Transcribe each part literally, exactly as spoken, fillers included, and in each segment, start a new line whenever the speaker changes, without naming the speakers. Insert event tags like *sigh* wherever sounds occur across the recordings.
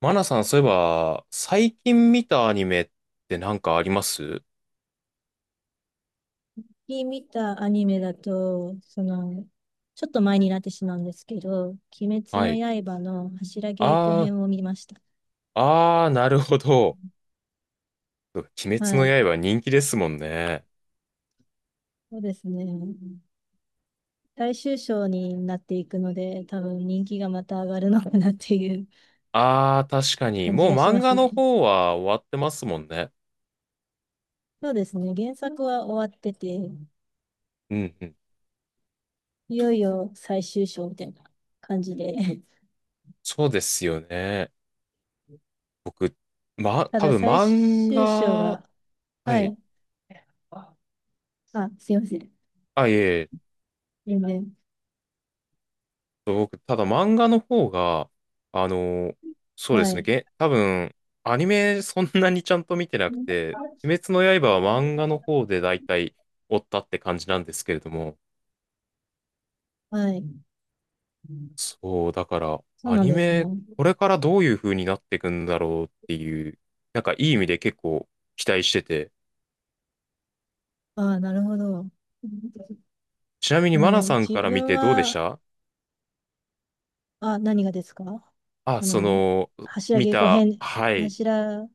マナさん、そういえば、最近見たアニメってなんかあります？
近見たアニメだと、その、ちょっと前になってしまうんですけど、鬼滅
は
の
い。
刃の柱稽古
あー、
編を見ました。
あー、なるほど。鬼滅
は
の
い。
刃人気ですもんね。
そうですね。大衆賞になっていくので、多分人気がまた上がるのかなっていう
あー、確かに。
感じ
もう
がし
漫
ま
画
す
の
ね。
方は終わってますもんね。
そうですね。原作は終わってて、
うんうん。
いよいよ最終章みたいな感じで。
そうですよね。僕、ま、
*laughs* た
多
だ
分
最
漫
終章
画、
が、
は
は
い。
い。あ、すいません。
あ、いえいえ。
全然。
僕、ただ漫画の方が、あの、そうで
は
すね、
い。
げ、多分、アニメそんなにちゃんと見てなくて、鬼滅の刃は漫画の方で大体追ったって感じなんですけれども、
はい。
そう、だから、
そう
ア
なん
ニ
ですね。
メ、これからどういう風になっていくんだろうっていう、なんかいい意味で結構期待してて、
ああ、なるほど。*laughs*
ちなみに
あ
マナ
の、
さん
自
から見
分
てどうでし
は、
た？
あ、何がですか？
あ、
あ
そ
の、
の、
柱
見
稽古
た、
編、
はい。
柱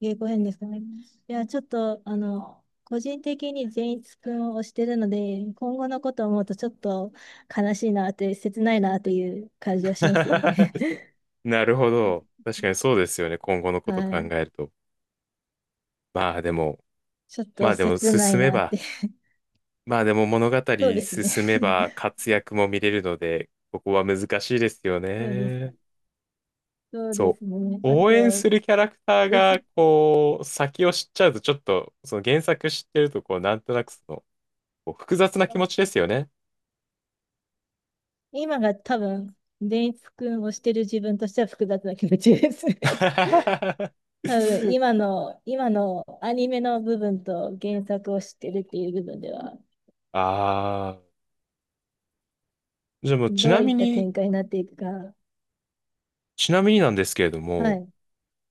稽古編ですかね。いや、ちょっと、あの、個人的に善逸くんを推してるので、今後のことを思うとちょっと悲しいなって、切ないなっていう感じはしますよね。
*laughs*
*laughs*
なるほど。確かにそうですよね、今後のこと考
はい。
えると。まあでも、
*laughs* ちょっ
ま
と
あでも
切な
進
い
め
なっ
ば、
て。
まあでも物語
そうですね。
進めば
*laughs*
活躍も見れるので、ここは難しいですよ
そうです。
ね。
そうで
そ
す
う。
ね。あ
応援す
と、
るキャラクター
う
が、
ず、
こう、先を知っちゃうと、ちょっと、その原作知ってると、こう、なんとなくその、こう複雑な気持ちですよね。
今が多分、デイツ君をしてる自分としては複雑な気持ちです。*laughs* 多分、
*laughs*
今の、今のアニメの部分と原作を知ってるっていう部分では、
ああ。じゃあもう、ち
ど
な
ういっ
み
た
に、
展開になっていくか。
ちなみになんですけれど
は
も、
い。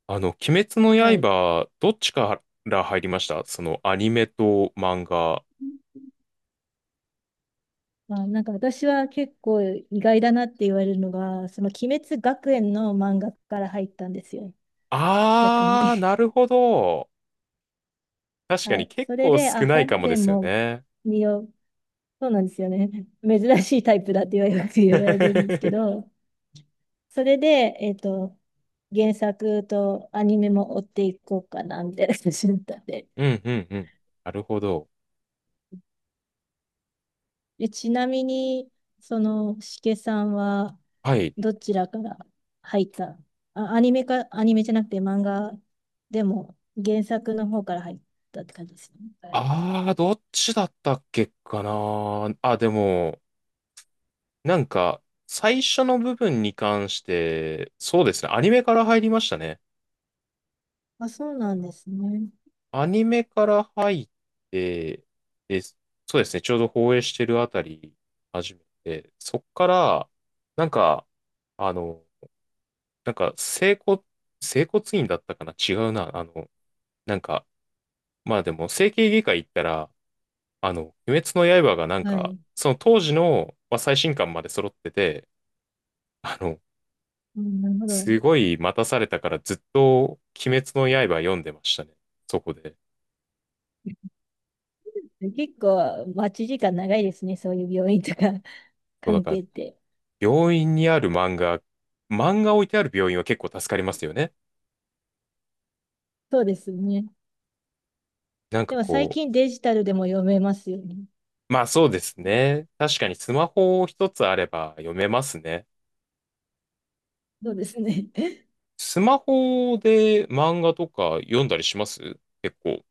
あの、鬼滅の
はい。
刃、どっちから入りました？その、アニメと漫画。
まあ、なんか私は結構意外だなって言われるのが、その鬼滅学園の漫画から入ったんですよ。逆に。
あー、な
*laughs*
るほど。確か
は
に
い。
結
それ
構
で、あ、
少ないか
本
もで
編
すよ
も
ね。
見よう。そうなんですよね。*laughs* 珍しいタイプだって言われ言われるんですけ
*laughs*
ど、それで、えっと、原作とアニメも追っていこうかな、みたいな感じだったんで。
うんうんうん。なるほど。
でちなみに、その、しけさんは、
はい。
どちらから入った？あ、アニメか、アニメじゃなくて漫画でも、原作の方から入ったって感じですね。はい。
ああ、どっちだったっけかな。あ、でも、なんか、最初の部分に関して、そうですね。アニメから入りましたね。
あ、そうなんですね。
アニメから入って、で、そうですね。ちょうど放映してるあたり、始めて、そっから、なんか、あの、なんか、整骨、整骨院だったかな、違うな。あの、なんか、まあでも、整形外科行ったら、あの、鬼滅の刃がなん
は
か、
い。
その当時の、まあ、最新刊まで揃ってて、あの、
うん、なるほど。
すごい待たされたからずっと鬼滅の刃読んでましたね。そこで。
結構、待ち時間長いですね。そういう病院とか *laughs*
そうだ
関
から、
係って。
病院にある漫画、漫画置いてある病院は結構助かりますよね。
そうですね。
なん
で
か
も最
こう、
近デジタルでも読めますよね。
まあそうですね。確かにスマホ一つあれば読めますね。
そうですね。*laughs*
スマホで漫画とか読んだりします？結構。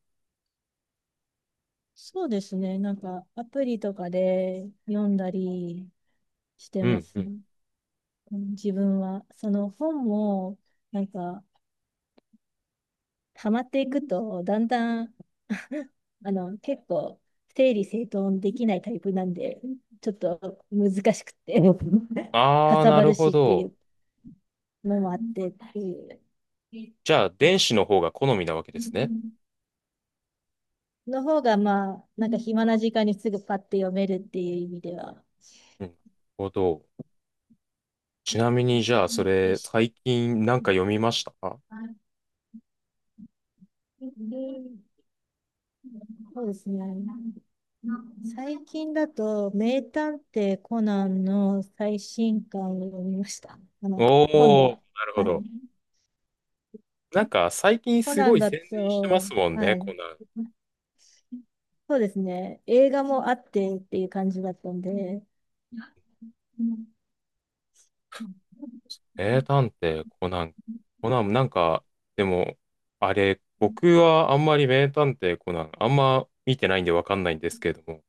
そうですね。なんか、アプリとかで読んだりして
う
ま
ん、
す
うん。
ね。うん自分は。その本も、なんか、ハマっていくと、だんだん、*laughs* あの、結構、整理整頓できないタイプなんで、ちょっと難しくて、*laughs* か
ああ、
さ
な
ば
る
る
ほ
しってい
ど。
うのもあってっていう
じゃあ、電子の方が好みなわけですね。
の方が、まあ、なんか暇な時間にすぐパッて読めるっていう意味では、
うん。なるほど。ちなみに、じゃあ、そ
よ
れ、
し
最近なんか読みました？
そうですね。最近だと、名探偵コナンの最新刊を読みました。あの、
お
本で
おー、
は。
なるほ
はい。
ど。なんか、最近
コ
す
ナ
ご
ン
い
だ
宣伝してま
と、
すもんね、
はい。
コナン。
そうですね。映画もあってっていう感じだったんで、
名探偵コナン。コナン、なんか、でも、あれ、僕はあんまり名探偵コナン、あんま見てないんでわかんないんですけれども。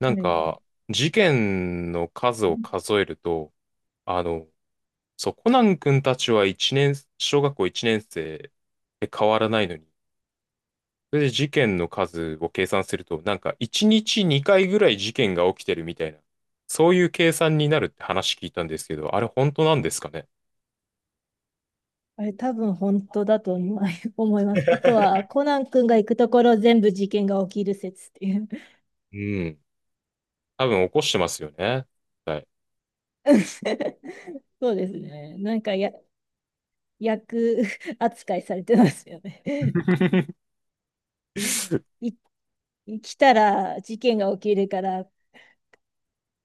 なん
はい。
か、事件の数を数えると、あの、そう、コナン君たちはいちねん、小学校いちねん生で変わらないのに、それで事件の数を計算すると、なんかいちにちにかいぐらい事件が起きてるみたいな、そういう計算になるって話聞いたんですけど、あれ本当なんですかね？
あれ多分本当だと思い *laughs* 思います。あと
*laughs*
は、コナン君が行くところ全部事件が起きる説っていう。
うん。多分起こしてますよね。はい。
*laughs* そうですね。なんかや、*laughs* 役扱いされてますよね。*laughs*
*laughs*
一来たら事件が起きるから、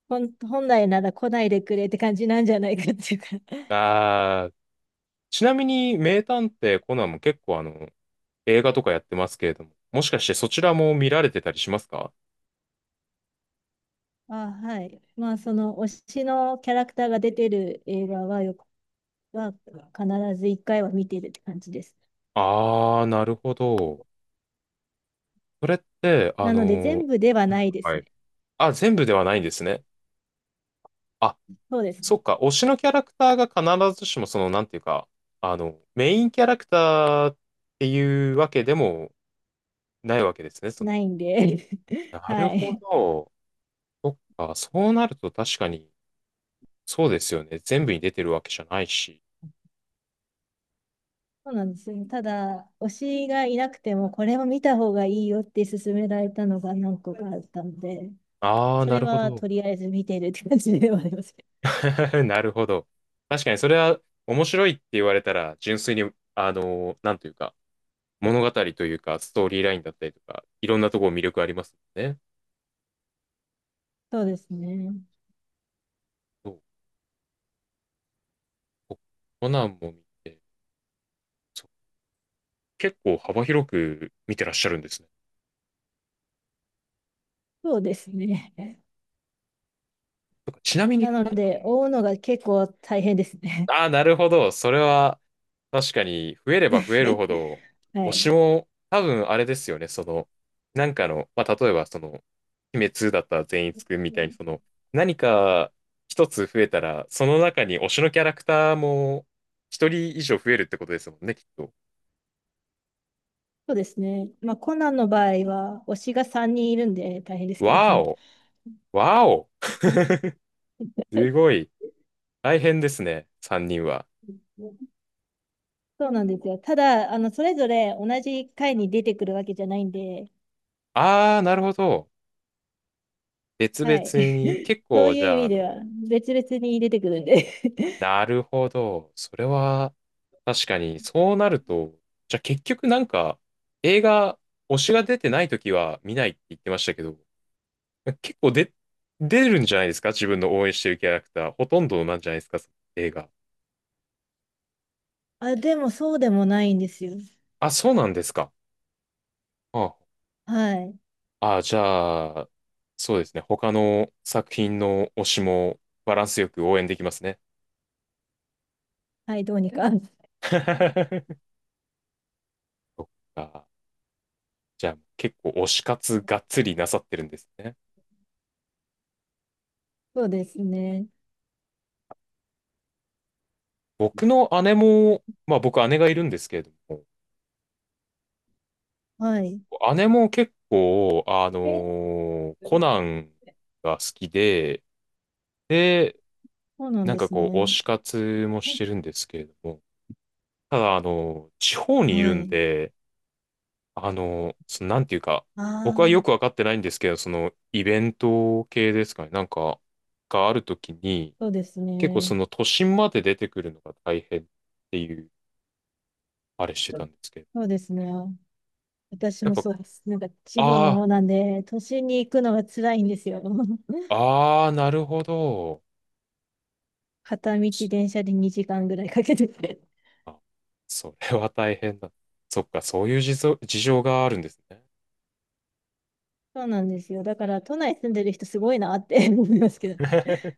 本本来なら来ないでくれって感じなんじゃないかっていうか *laughs*
あー、ちなみに名探偵コナンも結構あの、映画とかやってますけれども、もしかしてそちらも見られてたりしますか？
あ、はい。まあ、その推しのキャラクターが出てる映画はよく、は必ず一回は見てるって感じです。
あー、なるほど。それって、あ
なので、
のー
全部ではないで
は
すね。
い。あ、全部ではないんですね。あ、
そうで
そ
す。
っか、推しのキャラクターが必ずしもその、なんていうか、あの、メインキャラクターっていうわけでもないわけですね。その、
ないんで
な
*laughs*
る
は
ほ
い。
ど。そっか、そうなると確かに、そうですよね。全部に出てるわけじゃないし。
そうなんですよね。ただ、推しがいなくても、これを見た方がいいよって勧められたのが何個かあったので、
あー、
そ
な
れ
るほ
は
ど。
とりあえず見てるって感じではありますけ
*laughs* なるほど。確かにそれは面白いって言われたら、純粋に、あのーなんというか、物語というか、ストーリーラインだったりとか、いろんなところ魅力ありますもんね。
ど。そうですね。
そう。こコナンも見て、そう結構幅広く見てらっしゃるんですね。
そうですね。
とかちなみに
な
コ
ので、追うのが結構大変ですね。
ああ、なるほど。それは、確かに、増えれば増えるほど、
*laughs* は
推し
い。
も、多分あれですよね。その、なんかの、まあ、例えば、その、鬼滅だったら善逸くんみたいに、その、何か一つ増えたら、その中に推しのキャラクターも、ひとりいじょう増えるってことですもんね、きっと。
そうですね。まあ、コナンの場合は、推しがさんにんいるんで大変ですけど。
わーお、わーお、すごい、大変ですね、さんにんは。
*laughs* そうなんですよ。ただ、あの、それぞれ同じ回に出てくるわけじゃないんで、
ああ、なるほど。別
はい。
々に、
*laughs*
結
そう
構、
い
じ
う意
ゃあ、あ
味では、
の、
別々に出てくるんで。*laughs*
なるほど。それは、確かに、そうなると、じゃあ結局なんか、映画、推しが出てない時は見ないって言ってましたけど、結構で、出るんじゃないですか自分の応援してるキャラクター。ほとんどなんじゃないですかその映画。
あ、でもそうでもないんですよ。
あ、そうなんですか。あ
はい。
あ、じゃあ、そうですね。他の作品の推しもバランスよく応援できますね。
はい、どうにか。*laughs*
*laughs* そっか。じゃあ、結構推し活がっつりなさってるんですね。
そうですね。
僕の姉も、まあ僕姉がいるんですけれど
はい。
も、姉も結構、あのーコナンが好きで、で、
そうなん
なん
で
か
す
こう、推
ね。
し活もしてるんですけれども、ただ、あのー地方にいる
は
ん
い。
で、あのーその、なんていうか、
あ
僕はよくわ
あ、
かってないんですけど、その、イベント系ですかね、なんか、があるときに、
そうです
結構
ね。
その都心まで出てくるのが大変っていう、あれして
う
た
ん
んですけど、
そうですね。私
やっ
も
ぱ、
そうです。なんか地方
あ
の
あ、
方なんで、都心に行くのが辛いんですよ。*laughs*
ああ、なるほど。
片道電車でにじかんぐらいかけてて。
あ、それは大変だ。そっか、そういう事情、事情があるんですね。
そうなんですよ。だから都内住んでる人すごいなって *laughs* 思いますけど。
*laughs*